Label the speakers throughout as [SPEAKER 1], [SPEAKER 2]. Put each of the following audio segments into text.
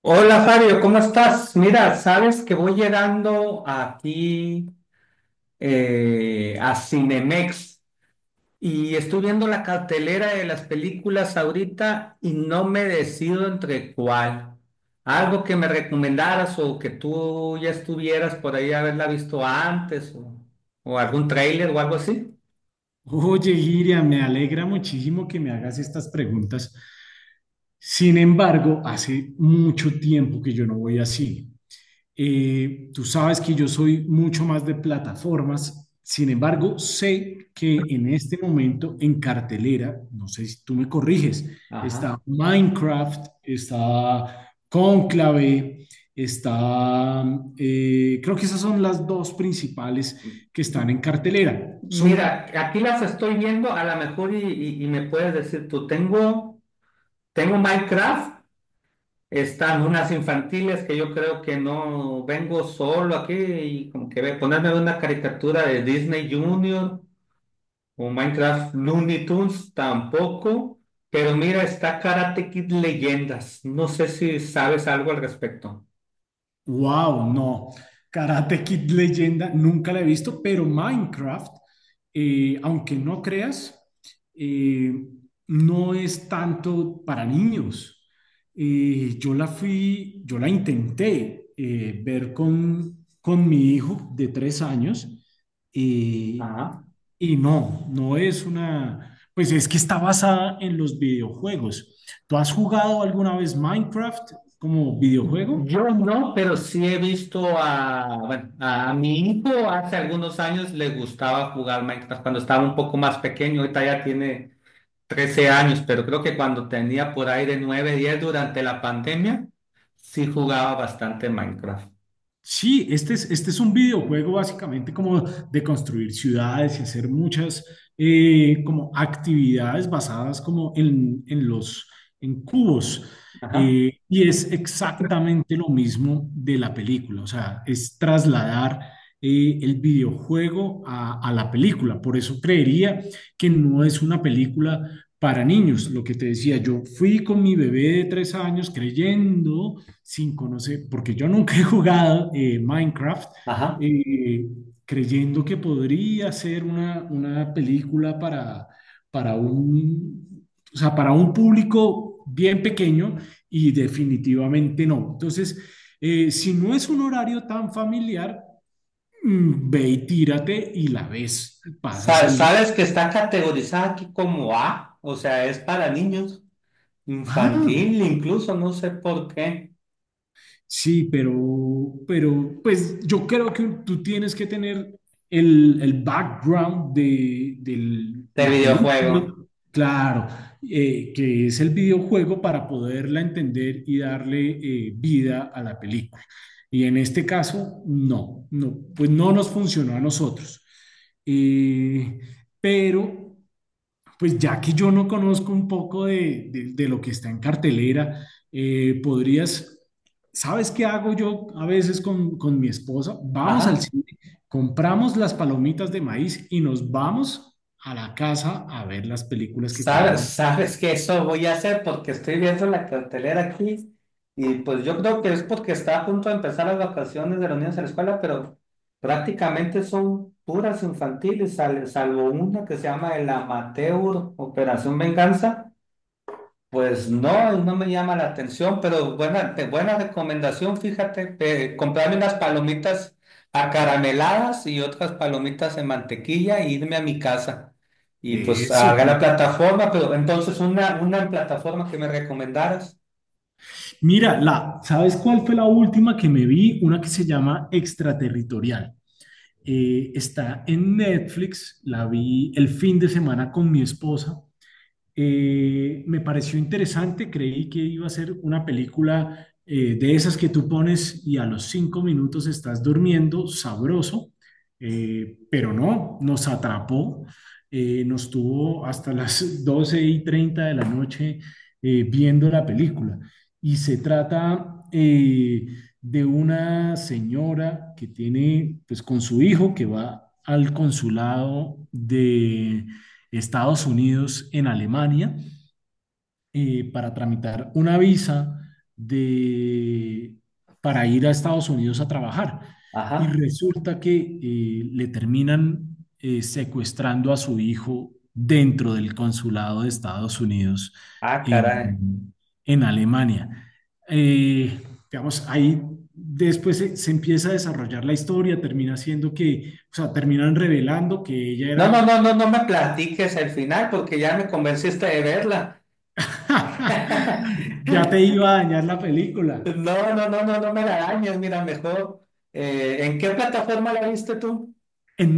[SPEAKER 1] Hola Fabio, ¿cómo estás? Mira, sabes que voy llegando aquí a Cinemex y estoy viendo la cartelera de las películas ahorita y no me decido entre cuál. Algo que me recomendaras o que tú ya estuvieras por ahí haberla visto antes o algún tráiler o algo así.
[SPEAKER 2] Oye, Iria, me alegra muchísimo que me hagas estas preguntas. Sin embargo, hace mucho tiempo que yo no voy a cine. Tú sabes que yo soy mucho más de plataformas. Sin embargo, sé que en este momento en cartelera, no sé si tú me corriges,
[SPEAKER 1] Ajá.
[SPEAKER 2] está Minecraft, está Cónclave, está... creo que esas son las dos principales que están en cartelera. Son
[SPEAKER 1] Mira, aquí las estoy viendo, a lo mejor y me puedes decir tú, tengo Minecraft. Están unas infantiles que yo creo que no vengo solo aquí y como que ponerme una caricatura de Disney Junior o Minecraft Looney Tunes tampoco. Pero mira, está Karate Kid Leyendas. No sé si sabes algo al respecto.
[SPEAKER 2] Wow, no. Karate Kid Leyenda, nunca la he visto, pero Minecraft, aunque no creas, eh, no es tanto para niños. Yo la intenté, ver con mi hijo de tres años, eh,
[SPEAKER 1] Ajá.
[SPEAKER 2] y no, no es una, pues es que está basada en los videojuegos. ¿Tú has jugado alguna vez Minecraft como videojuego?
[SPEAKER 1] Yo no, pero sí he visto a, bueno, a mi hijo hace algunos años le gustaba jugar Minecraft cuando estaba un poco más pequeño. Ahorita ya tiene 13 años, pero creo que cuando tenía por ahí de 9, 10 durante la pandemia, sí jugaba bastante Minecraft.
[SPEAKER 2] Sí, este es un videojuego básicamente como de construir ciudades y hacer muchas, como actividades basadas como en cubos.
[SPEAKER 1] Ajá,
[SPEAKER 2] Y es exactamente lo mismo de la película, o sea, es trasladar, el videojuego a la película. Por eso creería que no es una película para niños. Lo que te decía, yo fui con mi bebé de tres años creyendo 5, no sé, porque yo nunca he jugado, Minecraft,
[SPEAKER 1] ajá.
[SPEAKER 2] eh, creyendo que podría ser una película para un, o sea, para un público bien pequeño y definitivamente no. Entonces, si no es un horario tan familiar, ve y tírate y la ves y pasas
[SPEAKER 1] Sa-
[SPEAKER 2] el rato.
[SPEAKER 1] sabes que está categorizada aquí como A, o sea, es para niños,
[SPEAKER 2] Ah,
[SPEAKER 1] infantil incluso, no sé por qué,
[SPEAKER 2] sí, pero, pues yo creo que tú tienes que tener el background del
[SPEAKER 1] de
[SPEAKER 2] la película,
[SPEAKER 1] videojuego.
[SPEAKER 2] claro, que es el videojuego para poderla entender y darle, vida a la película. Y en este caso, no, no, pues no nos funcionó a nosotros. Eh, pero pues ya que yo no conozco un poco de lo que está en cartelera, eh, podrías, ¿sabes qué hago yo a veces con mi esposa? Vamos al
[SPEAKER 1] Ajá.
[SPEAKER 2] cine, compramos las palomitas de maíz y nos vamos a la casa a ver las películas que
[SPEAKER 1] Sabes,
[SPEAKER 2] queremos.
[SPEAKER 1] sabes que eso voy a hacer porque estoy viendo la cartelera aquí y pues yo creo que es porque está a punto de empezar las vacaciones de los niños en la escuela, pero prácticamente son puras infantiles, salvo una que se llama el Amateur Operación Venganza. Pues no, no me llama la atención, pero buena recomendación, fíjate, comprarme unas palomitas acarameladas y otras palomitas en mantequilla e irme a mi casa. Y pues
[SPEAKER 2] Eso,
[SPEAKER 1] haga
[SPEAKER 2] claro.
[SPEAKER 1] la plataforma, pero entonces una plataforma que me recomendaras.
[SPEAKER 2] Mira, ¿sabes cuál fue la última que me vi? Una que se llama Extraterritorial. Está en Netflix, la vi el fin de semana con mi esposa. Me pareció interesante, creí que iba a ser una película, de esas que tú pones y a los cinco minutos estás durmiendo sabroso, pero no, nos atrapó, nos tuvo hasta las 12 y 30 de la noche, viendo la película. Y se trata, de una señora que tiene, pues con su hijo, que va al consulado de Estados Unidos en Alemania, para tramitar una visa de, para ir a Estados Unidos a trabajar. Y
[SPEAKER 1] Ajá.
[SPEAKER 2] resulta que, le terminan, secuestrando a su hijo dentro del consulado de Estados Unidos
[SPEAKER 1] Ah, caray.
[SPEAKER 2] en, en Alemania. Eh, digamos, ahí después empieza a desarrollar la historia, termina siendo que, o sea, terminan revelando que ella
[SPEAKER 1] No, no,
[SPEAKER 2] era
[SPEAKER 1] no, no, no me platiques el final porque ya me convenciste de verla.
[SPEAKER 2] Ya te iba a dañar la película.
[SPEAKER 1] No, no, no, no, no me la dañes, mira, mejor. ¿ ¿En qué plataforma la viste tú?
[SPEAKER 2] En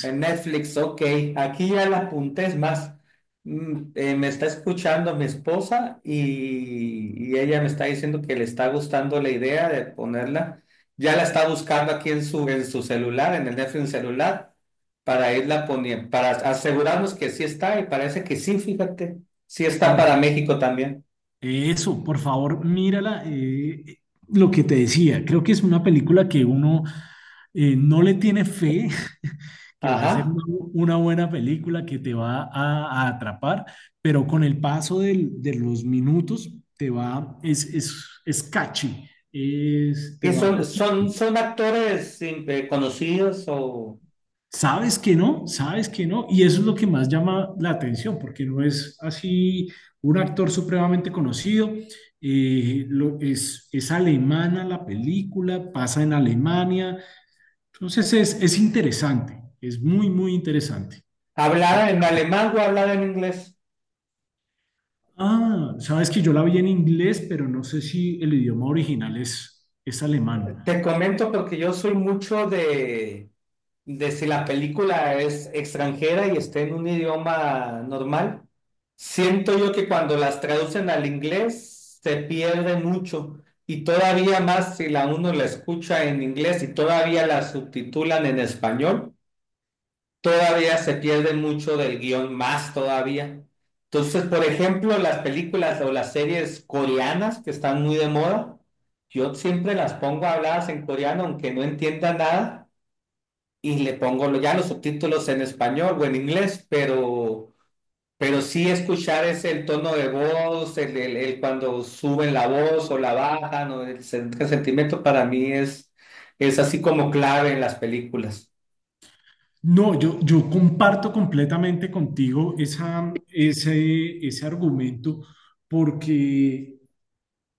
[SPEAKER 1] En Netflix, ok. Aquí ya la apunté, es más. Me está escuchando mi esposa y ella me está diciendo que le está gustando la idea de ponerla. Ya la está buscando aquí en en su celular, en el Netflix celular, para irla poniendo, para asegurarnos que sí está y parece que sí, fíjate. Sí está
[SPEAKER 2] Por
[SPEAKER 1] para México también.
[SPEAKER 2] eso, por favor, mírala. Lo que te decía, creo que es una película que uno, no le tiene fe, que va a ser
[SPEAKER 1] Ajá.
[SPEAKER 2] una buena película, que te va a atrapar, pero con el paso de los minutos te va, es catchy, te
[SPEAKER 1] ¿Y
[SPEAKER 2] va
[SPEAKER 1] son,
[SPEAKER 2] cogiendo.
[SPEAKER 1] son actores conocidos o
[SPEAKER 2] Sabes que no, y eso es lo que más llama la atención, porque no es así un actor supremamente conocido. Es alemana la película, pasa en Alemania, entonces es interesante, es muy, muy interesante.
[SPEAKER 1] hablar en alemán o hablar en inglés?
[SPEAKER 2] Ah, sabes que yo la vi en inglés, pero no sé si el idioma original es alemán.
[SPEAKER 1] Te comento porque yo soy mucho de si la película es extranjera y está en un idioma normal, siento yo que cuando las traducen al inglés se pierde mucho y todavía más si la uno la escucha en inglés y todavía la subtitulan en español todavía se pierde mucho del guión, más todavía. Entonces, por ejemplo, las películas o las series coreanas que están muy de moda, yo siempre las pongo habladas en coreano, aunque no entienda nada, y le pongo ya los subtítulos en español o en inglés, pero sí escuchar ese el tono de voz, el cuando suben la voz o la bajan, o el sentimiento para mí es así como clave en las películas.
[SPEAKER 2] No, yo comparto completamente contigo ese argumento, porque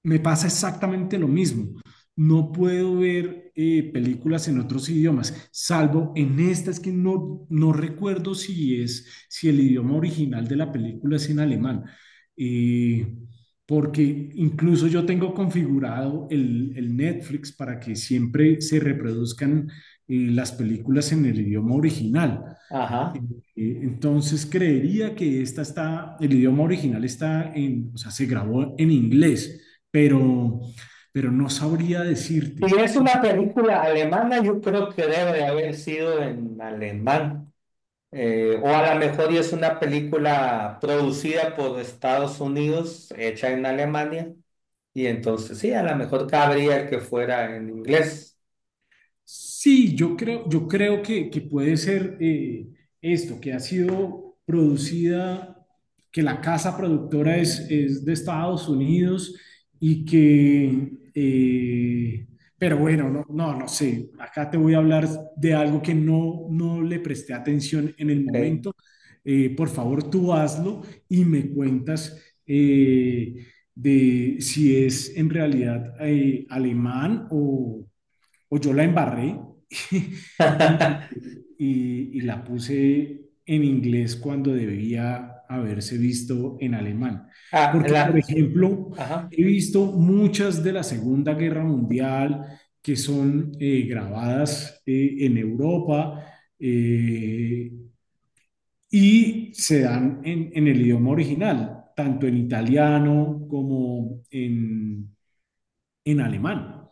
[SPEAKER 2] me pasa exactamente lo mismo. No puedo ver, películas en otros idiomas, salvo en esta, es que no, no recuerdo si el idioma original de la película es en alemán. Eh, Porque incluso yo tengo configurado el Netflix para que siempre se reproduzcan, las películas en el idioma original. Eh,
[SPEAKER 1] Ajá.
[SPEAKER 2] Entonces creería que el idioma original está en, o sea, se grabó en inglés, pero, pero no sabría decirte.
[SPEAKER 1] Si es una película alemana, yo creo que debe de haber sido en alemán. O a lo mejor y es una película producida por Estados Unidos, hecha en Alemania. Y entonces sí, a lo mejor cabría que fuera en inglés.
[SPEAKER 2] Sí, yo creo que puede ser, esto, que ha sido producida, que la casa productora es de Estados Unidos y que, pero bueno, no, no, no sé, acá te voy a hablar de algo que no, no le presté atención en el
[SPEAKER 1] Okay.
[SPEAKER 2] momento. Por favor, tú hazlo y me cuentas, eh, de si es en realidad, alemán o yo la embarré y, y la puse en inglés cuando debía haberse visto en alemán.
[SPEAKER 1] Ah,
[SPEAKER 2] Porque, por
[SPEAKER 1] la-
[SPEAKER 2] ejemplo,
[SPEAKER 1] ajá.
[SPEAKER 2] he visto muchas de la Segunda Guerra Mundial que son, grabadas, en Europa, eh, y se dan en el idioma original, tanto en italiano como en alemán.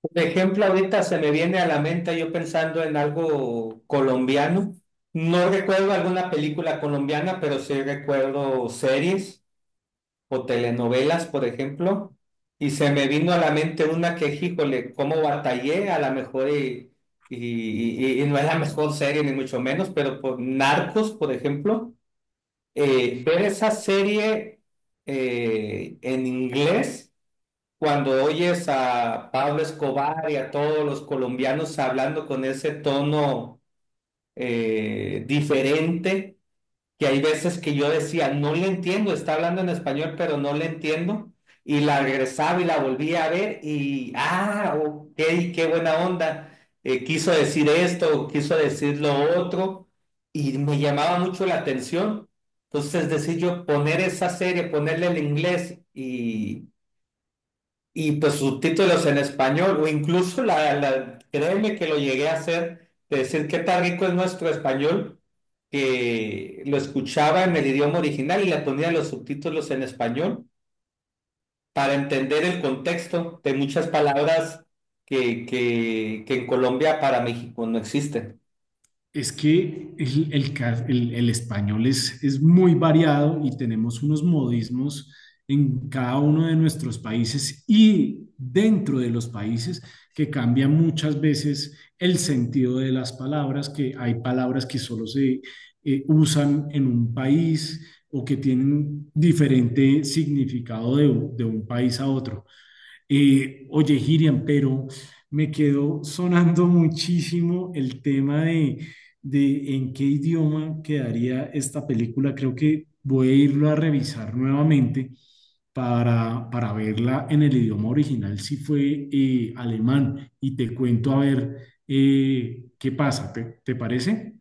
[SPEAKER 1] Por ejemplo, ahorita se me viene a la mente yo pensando en algo colombiano. No recuerdo alguna película colombiana, pero sí recuerdo series o telenovelas, por ejemplo, y se me vino a la mente una que, híjole, cómo batallé, a lo mejor y no es la mejor serie, ni mucho menos, pero por Narcos, por ejemplo, ver esa serie en inglés, cuando oyes a Pablo Escobar y a todos los colombianos hablando con ese tono diferente, que hay veces que yo decía, no le entiendo, está hablando en español, pero no le entiendo. Y la regresaba y la volvía a ver y, ah, ok, qué buena onda. Quiso decir esto, quiso decir lo otro, y me llamaba mucho la atención. Entonces, es decir, yo poner esa serie, ponerle el inglés y pues subtítulos en español, o incluso créeme que lo llegué a hacer, de decir qué tan rico es nuestro español, que lo escuchaba en el idioma original y le ponía los subtítulos en español para entender el contexto de muchas palabras que en Colombia para México no existen.
[SPEAKER 2] Es que el español es muy variado y tenemos unos modismos en cada uno de nuestros países y dentro de los países que cambian muchas veces el sentido de las palabras, que hay palabras que solo se, usan en un país o que tienen diferente significado de un país a otro. Oye, Hiriam, pero me quedó sonando muchísimo el tema de en qué idioma quedaría esta película. Creo que voy a irlo a revisar nuevamente para verla en el idioma original, si fue, alemán, y te cuento a ver, qué pasa. ¿Te parece?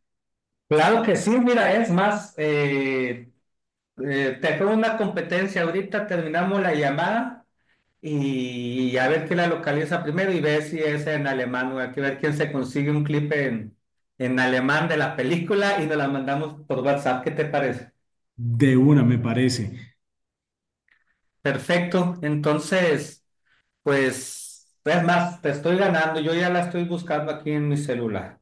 [SPEAKER 1] Claro que sí, mira, es más, te hago una competencia, ahorita terminamos la llamada y, a ver quién la localiza primero y ver si es en alemán o hay que ver quién se consigue un clip en alemán de la película y nos la mandamos por WhatsApp. ¿Qué te parece?
[SPEAKER 2] De una, me parece.
[SPEAKER 1] Perfecto. Entonces, pues, es más, te estoy ganando. Yo ya la estoy buscando aquí en mi celular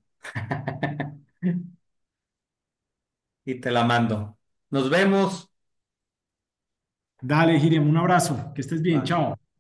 [SPEAKER 1] y te la mando. Nos vemos.
[SPEAKER 2] Dale, Hiriam, un abrazo. Que estés bien.
[SPEAKER 1] Bye.
[SPEAKER 2] Chao.